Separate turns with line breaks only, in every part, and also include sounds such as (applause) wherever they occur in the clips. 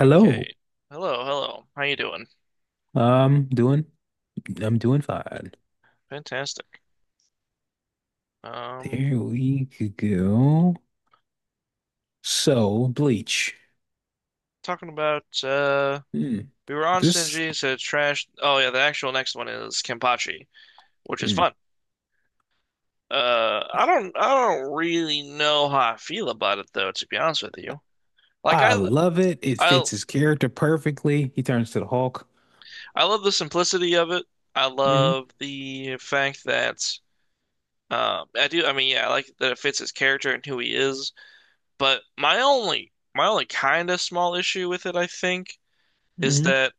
Okay. Hello, hello. How you doing?
Doing I'm doing fine.
Fantastic. Um,
There we could go. So, Bleach.
talking about
Hmm.
we were on
This
Shinji, said trash. Oh yeah, the actual next one is Kenpachi, which is fun.
Hmm.
I don't really know how I feel about it though, to be honest with you. Like
I
I
love it. It
I
fits his character perfectly. He turns to the Hulk.
love the simplicity of it. I
Hmm.
love the fact that I do I mean yeah, I like that it fits his character and who he is, but my only kind of small issue with it, I think, is
Hmm.
that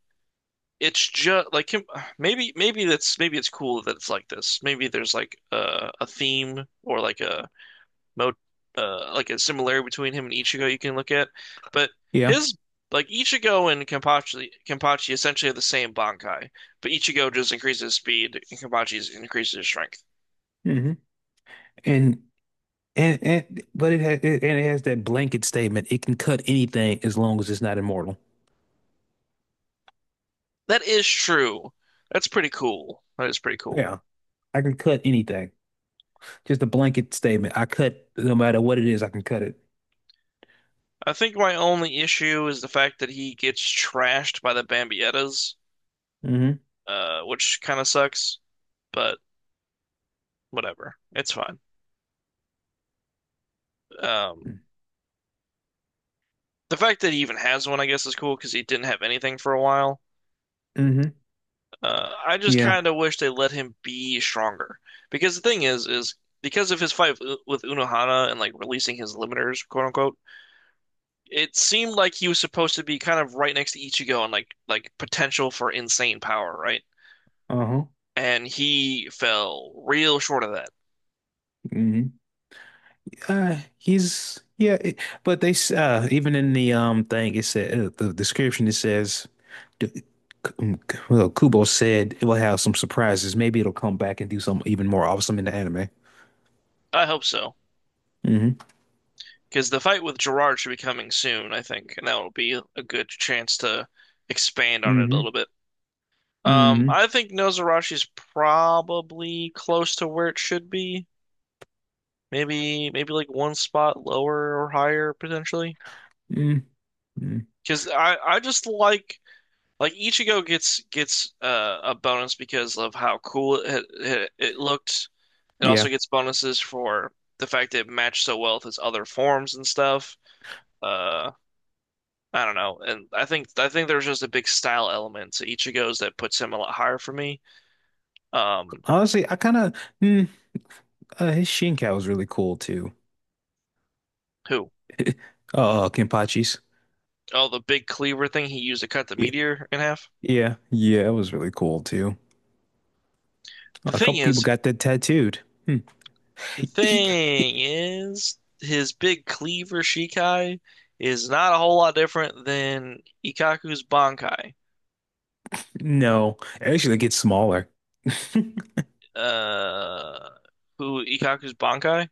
it's just like him- maybe that's maybe it's cool that it's like this. Maybe there's like a theme or like a mo like a similarity between him and Ichigo you can look at. But
Yeah.
his like Ichigo and Kenpachi essentially have the same Bankai, but Ichigo just increases his speed and Kenpachi's increases his strength.
Hmm. And and but it has it, and it has that blanket statement. It can cut anything as long as it's not immortal.
That is true. That's pretty cool. That is pretty cool.
Yeah. I can cut anything. Just a blanket statement. I cut no matter what it is, I can cut it.
I think my only issue is the fact that he gets trashed by the Bambietas,
Hmm.
which kind of sucks. But whatever. It's fine. Um, the fact that he even has one, I guess, is cool because he didn't have anything for a while.
Hmm.
I just
Yeah.
kind of wish they let him be stronger because the thing is because of his fight with Unohana and like releasing his limiters, quote unquote, it seemed like he was supposed to be kind of right next to Ichigo and like potential for insane power, right?
Uh-huh.
And he fell real short of that.
Mhm. He's, yeah, even in the thing it said, the description it says, d- well, Kubo said it will have some surprises. Maybe it'll come back and do something even more awesome in the anime.
I hope so
Hmm.
because the fight with Gerard should be coming soon, I think, and that will be a good chance to expand on it a
Hmm.
little bit.
Hmm.
I think Nozarashi's probably close to where it should be. Maybe like one spot lower or higher potentially.
Mm. Mm.
Because I just like Ichigo gets a bonus because of how cool it it looked. It also
Yeah,
gets bonuses for the fact that it matched so well with his other forms and stuff. Uh, I don't know, and I think there's just a big style element to Ichigo's that puts him a lot higher for me. Um,
honestly, I kind of mm, his Shinkai was really cool too.
who?
(laughs) Kenpachi's.
Oh, the big cleaver thing he used to cut the
Yeah,
meteor in half.
yeah, yeah, it was really cool too.
The
A couple
thing
people
is,
got that tattooed. Hmm.
the
He
thing is, his big cleaver Shikai is not a whole lot different than Ikkaku's Bankai.
No, actually, it gets smaller. (laughs)
Uh, who Ikkaku's Bankai?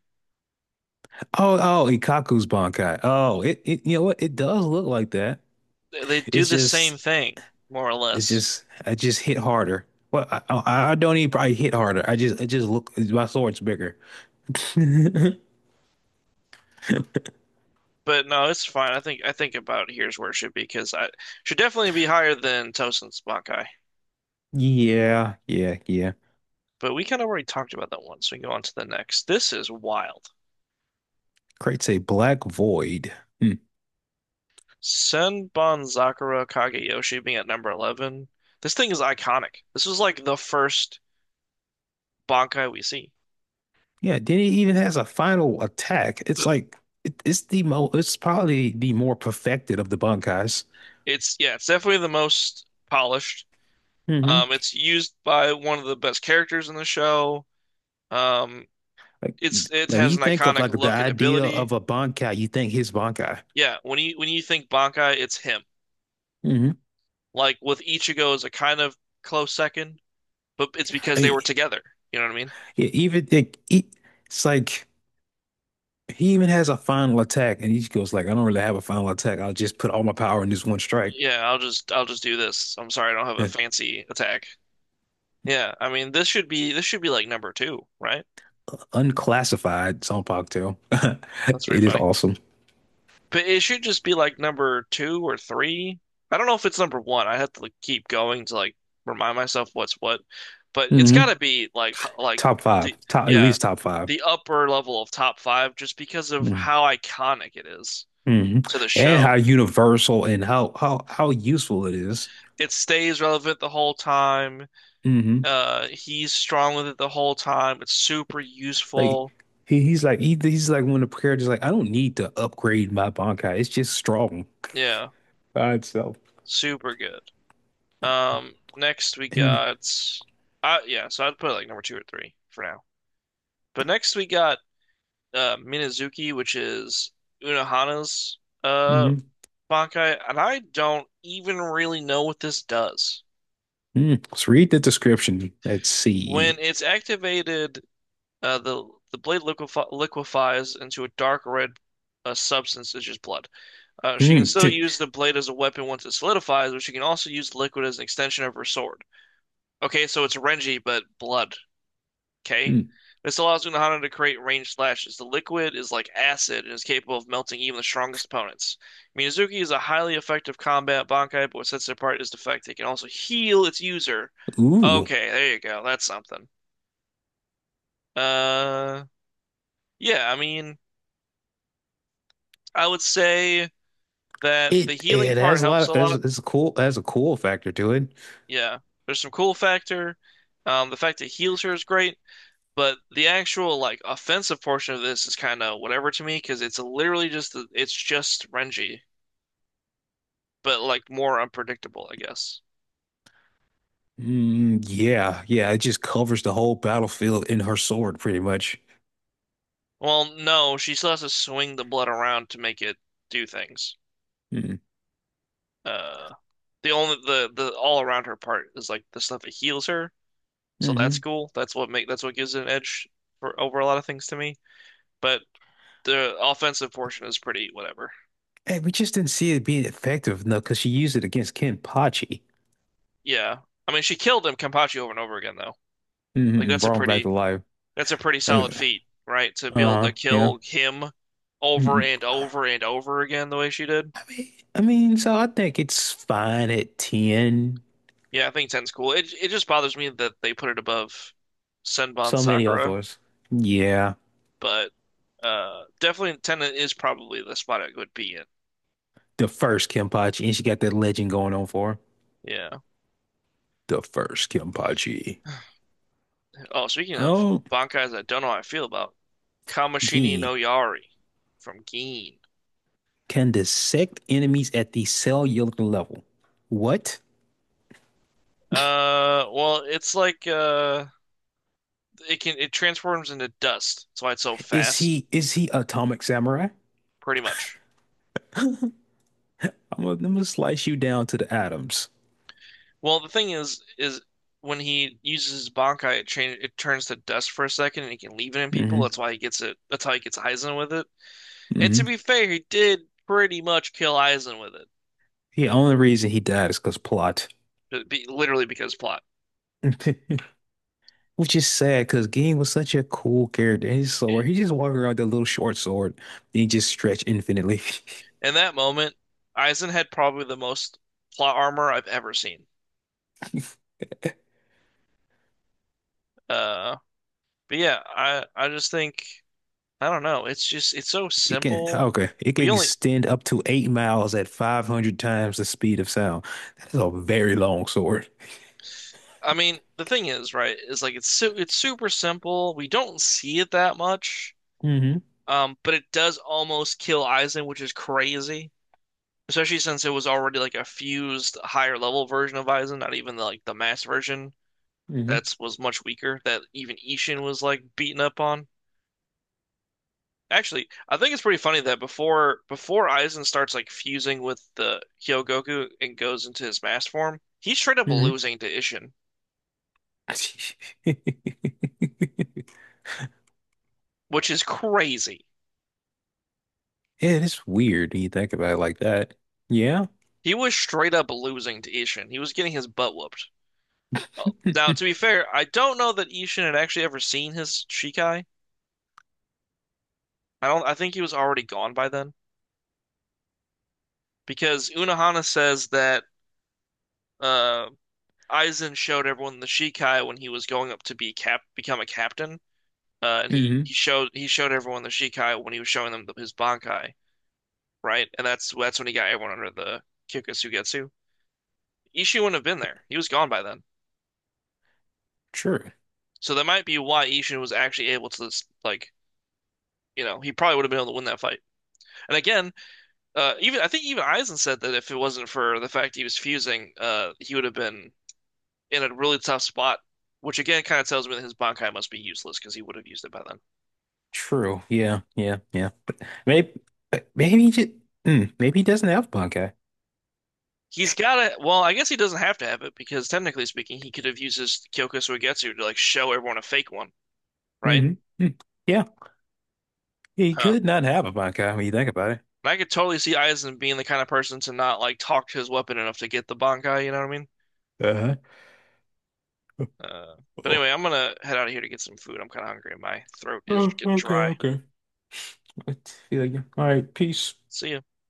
Oh, oh, Ikkaku's Bankai. Oh, you know what? It does look like that.
They do
It's
the same
just,
thing, more or
it's
less.
just, I just hit harder. Well, I don't even probably hit harder. It just look, my sword's bigger. (laughs)
But no, it's fine. I think about here's where it should be because I should definitely be higher than Tosen's Bankai.
Yeah, yeah, yeah.
But we kind of already talked about that one, so we can go on to the next. This is wild.
Creates a black void. Hmm.
Senban Sakura Kageyoshi being at number 11. This thing is iconic. This was like the first Bankai we see.
Yeah, then it even has a final attack. It's like, it's probably the more perfected of the Bankais.
It's yeah, it's definitely the most polished.
Mm-hmm.
It's used by one of the best characters in the show. Um,
Like,
it's
like
it
when
has
you
an
think of
iconic
like the
look and
idea
ability.
of a bankai, you think his bankai.
Yeah, when you think Bankai, it's him.
Hmm.
Like with Ichigo is a kind of close second, but it's
I
because they
mean,
were together. You know what I mean?
yeah, it's like he even has a final attack, and he just goes like, "I don't really have a final attack. I'll just put all my power in this one strike."
Yeah, I'll just do this. I'm sorry, I don't have a
(laughs)
fancy attack. Yeah, I mean this should be like number two, right?
Unclassified song cocktail. (laughs)
That's pretty
It is
funny.
awesome.
But it should just be like number two or three. I don't know if it's number one. I have to like, keep going to like remind myself what's what. But it's got to
Hmm.
be like
Top five,
the
top at
yeah
least top five.
the upper level of top five just because of how iconic it is
Mm-hmm.
to the
And how
show.
universal and how useful it is.
It stays relevant the whole time. He's strong with it the whole time. It's super
Like
useful.
he's like one of the characters, like I don't need to upgrade my Bankai. It's just strong
Yeah,
by itself.
super good. Um, next we
And
got, yeah, so I'd put it like number two or three for now. But next we got Minazuki, which is Unohana's
Mhm.
Bankai, and I don't even really know what this does.
Mm. Let's read the description. Let's see.
When it's activated, the blade liquefies into a dark red substance, such as blood. She can
Mm.
still use the blade as a weapon once it solidifies, but she can also use liquid as an extension of her sword. Okay, so it's Renji, but blood. Okay.
Mm.
This allows Unohana to create ranged slashes. The liquid is like acid and is capable of melting even the strongest opponents. Miyazuki is a highly effective combat Bankai, but what sets it apart is the fact that it can also heal its user.
(laughs) Ooh.
Okay, there you go. That's something. Uh, yeah, I mean, I would say that the
It
healing
it
part
has a lot
helps a
of, it's,
lot.
it's a cool, it has a cool factor to it.
Yeah. There's some cool factor. The fact that it heals her is great. But the actual like offensive portion of this is kind of whatever to me because it's just Renji, but like more unpredictable, I guess.
Mm, yeah, yeah. It just covers the whole battlefield in her sword pretty much.
Well, no, she still has to swing the blood around to make it do things.
Mm.
Uh, the all around her part is like the stuff that heals her,
Hmm.
so that's
Mm-hmm.
cool. That's what gives it an edge for over a lot of things to me. But the offensive portion is pretty whatever.
Hey, we just didn't see it being effective enough because she used it against Kenpachi.
Yeah, I mean she killed him Kenpachi over and over again though. Like
Mm-hmm.
that's a
Brought him back to
pretty
life.
That's a pretty
Uh,
solid feat, right? To be able
uh-huh.
to
Yeah.
kill him over
Mm-mm.
and
I
over and over again the way she did.
mean, I mean, so I think it's fine at 10.
Yeah, I think Ten's cool. It just bothers me that they put it above Senbon
So many
Sakura,
others. Yeah.
but definitely Ten is probably the spot it would be in.
The first Kenpachi. And she got that legend going on for her.
Yeah.
The first Kenpachi.
(sighs) Oh, speaking of
Oh,
bankais, I don't know how I feel about Kamishini
gee.
no Yari from Gin.
Can dissect enemies at the cellular level. What?
Well, it's like it transforms into dust. That's why it's so
Is
fast,
he is he Atomic Samurai?
pretty much.
I'm gonna slice you down to the atoms.
Well, the thing is when he uses his Bankai, it turns to dust for a second, and he can leave it in people.
Hmm.
That's why he gets it. That's how he gets Aizen with it. And to
Hmm.
be fair, he did pretty much kill Aizen with it,
The only reason he died is because plot.
Literally because plot.
(laughs) Which is sad because Ging was such a cool character. His sword, he just walked around with a little short sword. He just stretched infinitely. (laughs)
In that moment, Aizen had probably the most plot armor I've ever seen. Uh, but yeah, I just think I don't know. It's just it's so
It can,
simple.
okay, it can
We only.
extend up to 8 miles at 500 times the speed of sound. That is a very long sword.
I mean, the thing is, right, is like it's super simple. We don't see it that much.
Hmm.
But it does almost kill Aizen, which is crazy, especially since it was already like a fused higher level version of Aizen, not like the mass version
Hmm.
that was much weaker that even Ishin was like beaten up on. Actually, I think it's pretty funny that before Aizen starts like fusing with the Hyogoku and goes into his mass form, he's straight up
Hmm.
losing to Ishin,
(laughs) Yeah,
which is crazy.
it's weird when you think about it like that. Yeah.
He was straight up losing to Ishin. He was getting his butt whooped. Now,
(laughs)
to be fair, I don't know that Ishin had actually ever seen his Shikai. I don't. I think he was already gone by then because Unohana says that uh, Aizen showed everyone the Shikai when he was going up to be cap become a captain, and
Hmm.
he showed everyone the Shikai when he was showing them his Bankai, right? And that's when he got everyone under the Kyokusugetsu. Ishin wouldn't have been there. He was gone by then,
True.
so that might be why Ishin was actually able to like you know he probably would have been able to win that fight. And again, even I think even Eisen said that if it wasn't for the fact he was fusing, he would have been in a really tough spot, which again kind of tells me that his Bankai must be useless because he would have used it by then.
True. Yeah. Yeah. Yeah. But maybe, maybe he just, maybe he doesn't have punk.
He's got it. Well, I guess he doesn't have to have it because technically speaking, he could have used his Kyoko Suigetsu to like show everyone a fake one, right?
Hmm. Yeah, he
Huh.
could not have a bankai when you think about it.
And I could totally see Eisen being the kind of person to not like talk to his weapon enough to get the Bankai. You know what I mean?
Uh-huh.
Uh, but
Oh,
anyway, I'm gonna head out of here to get some food. I'm kind of hungry. My throat is
oh,
getting
okay,
dry.
okay. I feel you. All right, peace.
See ya.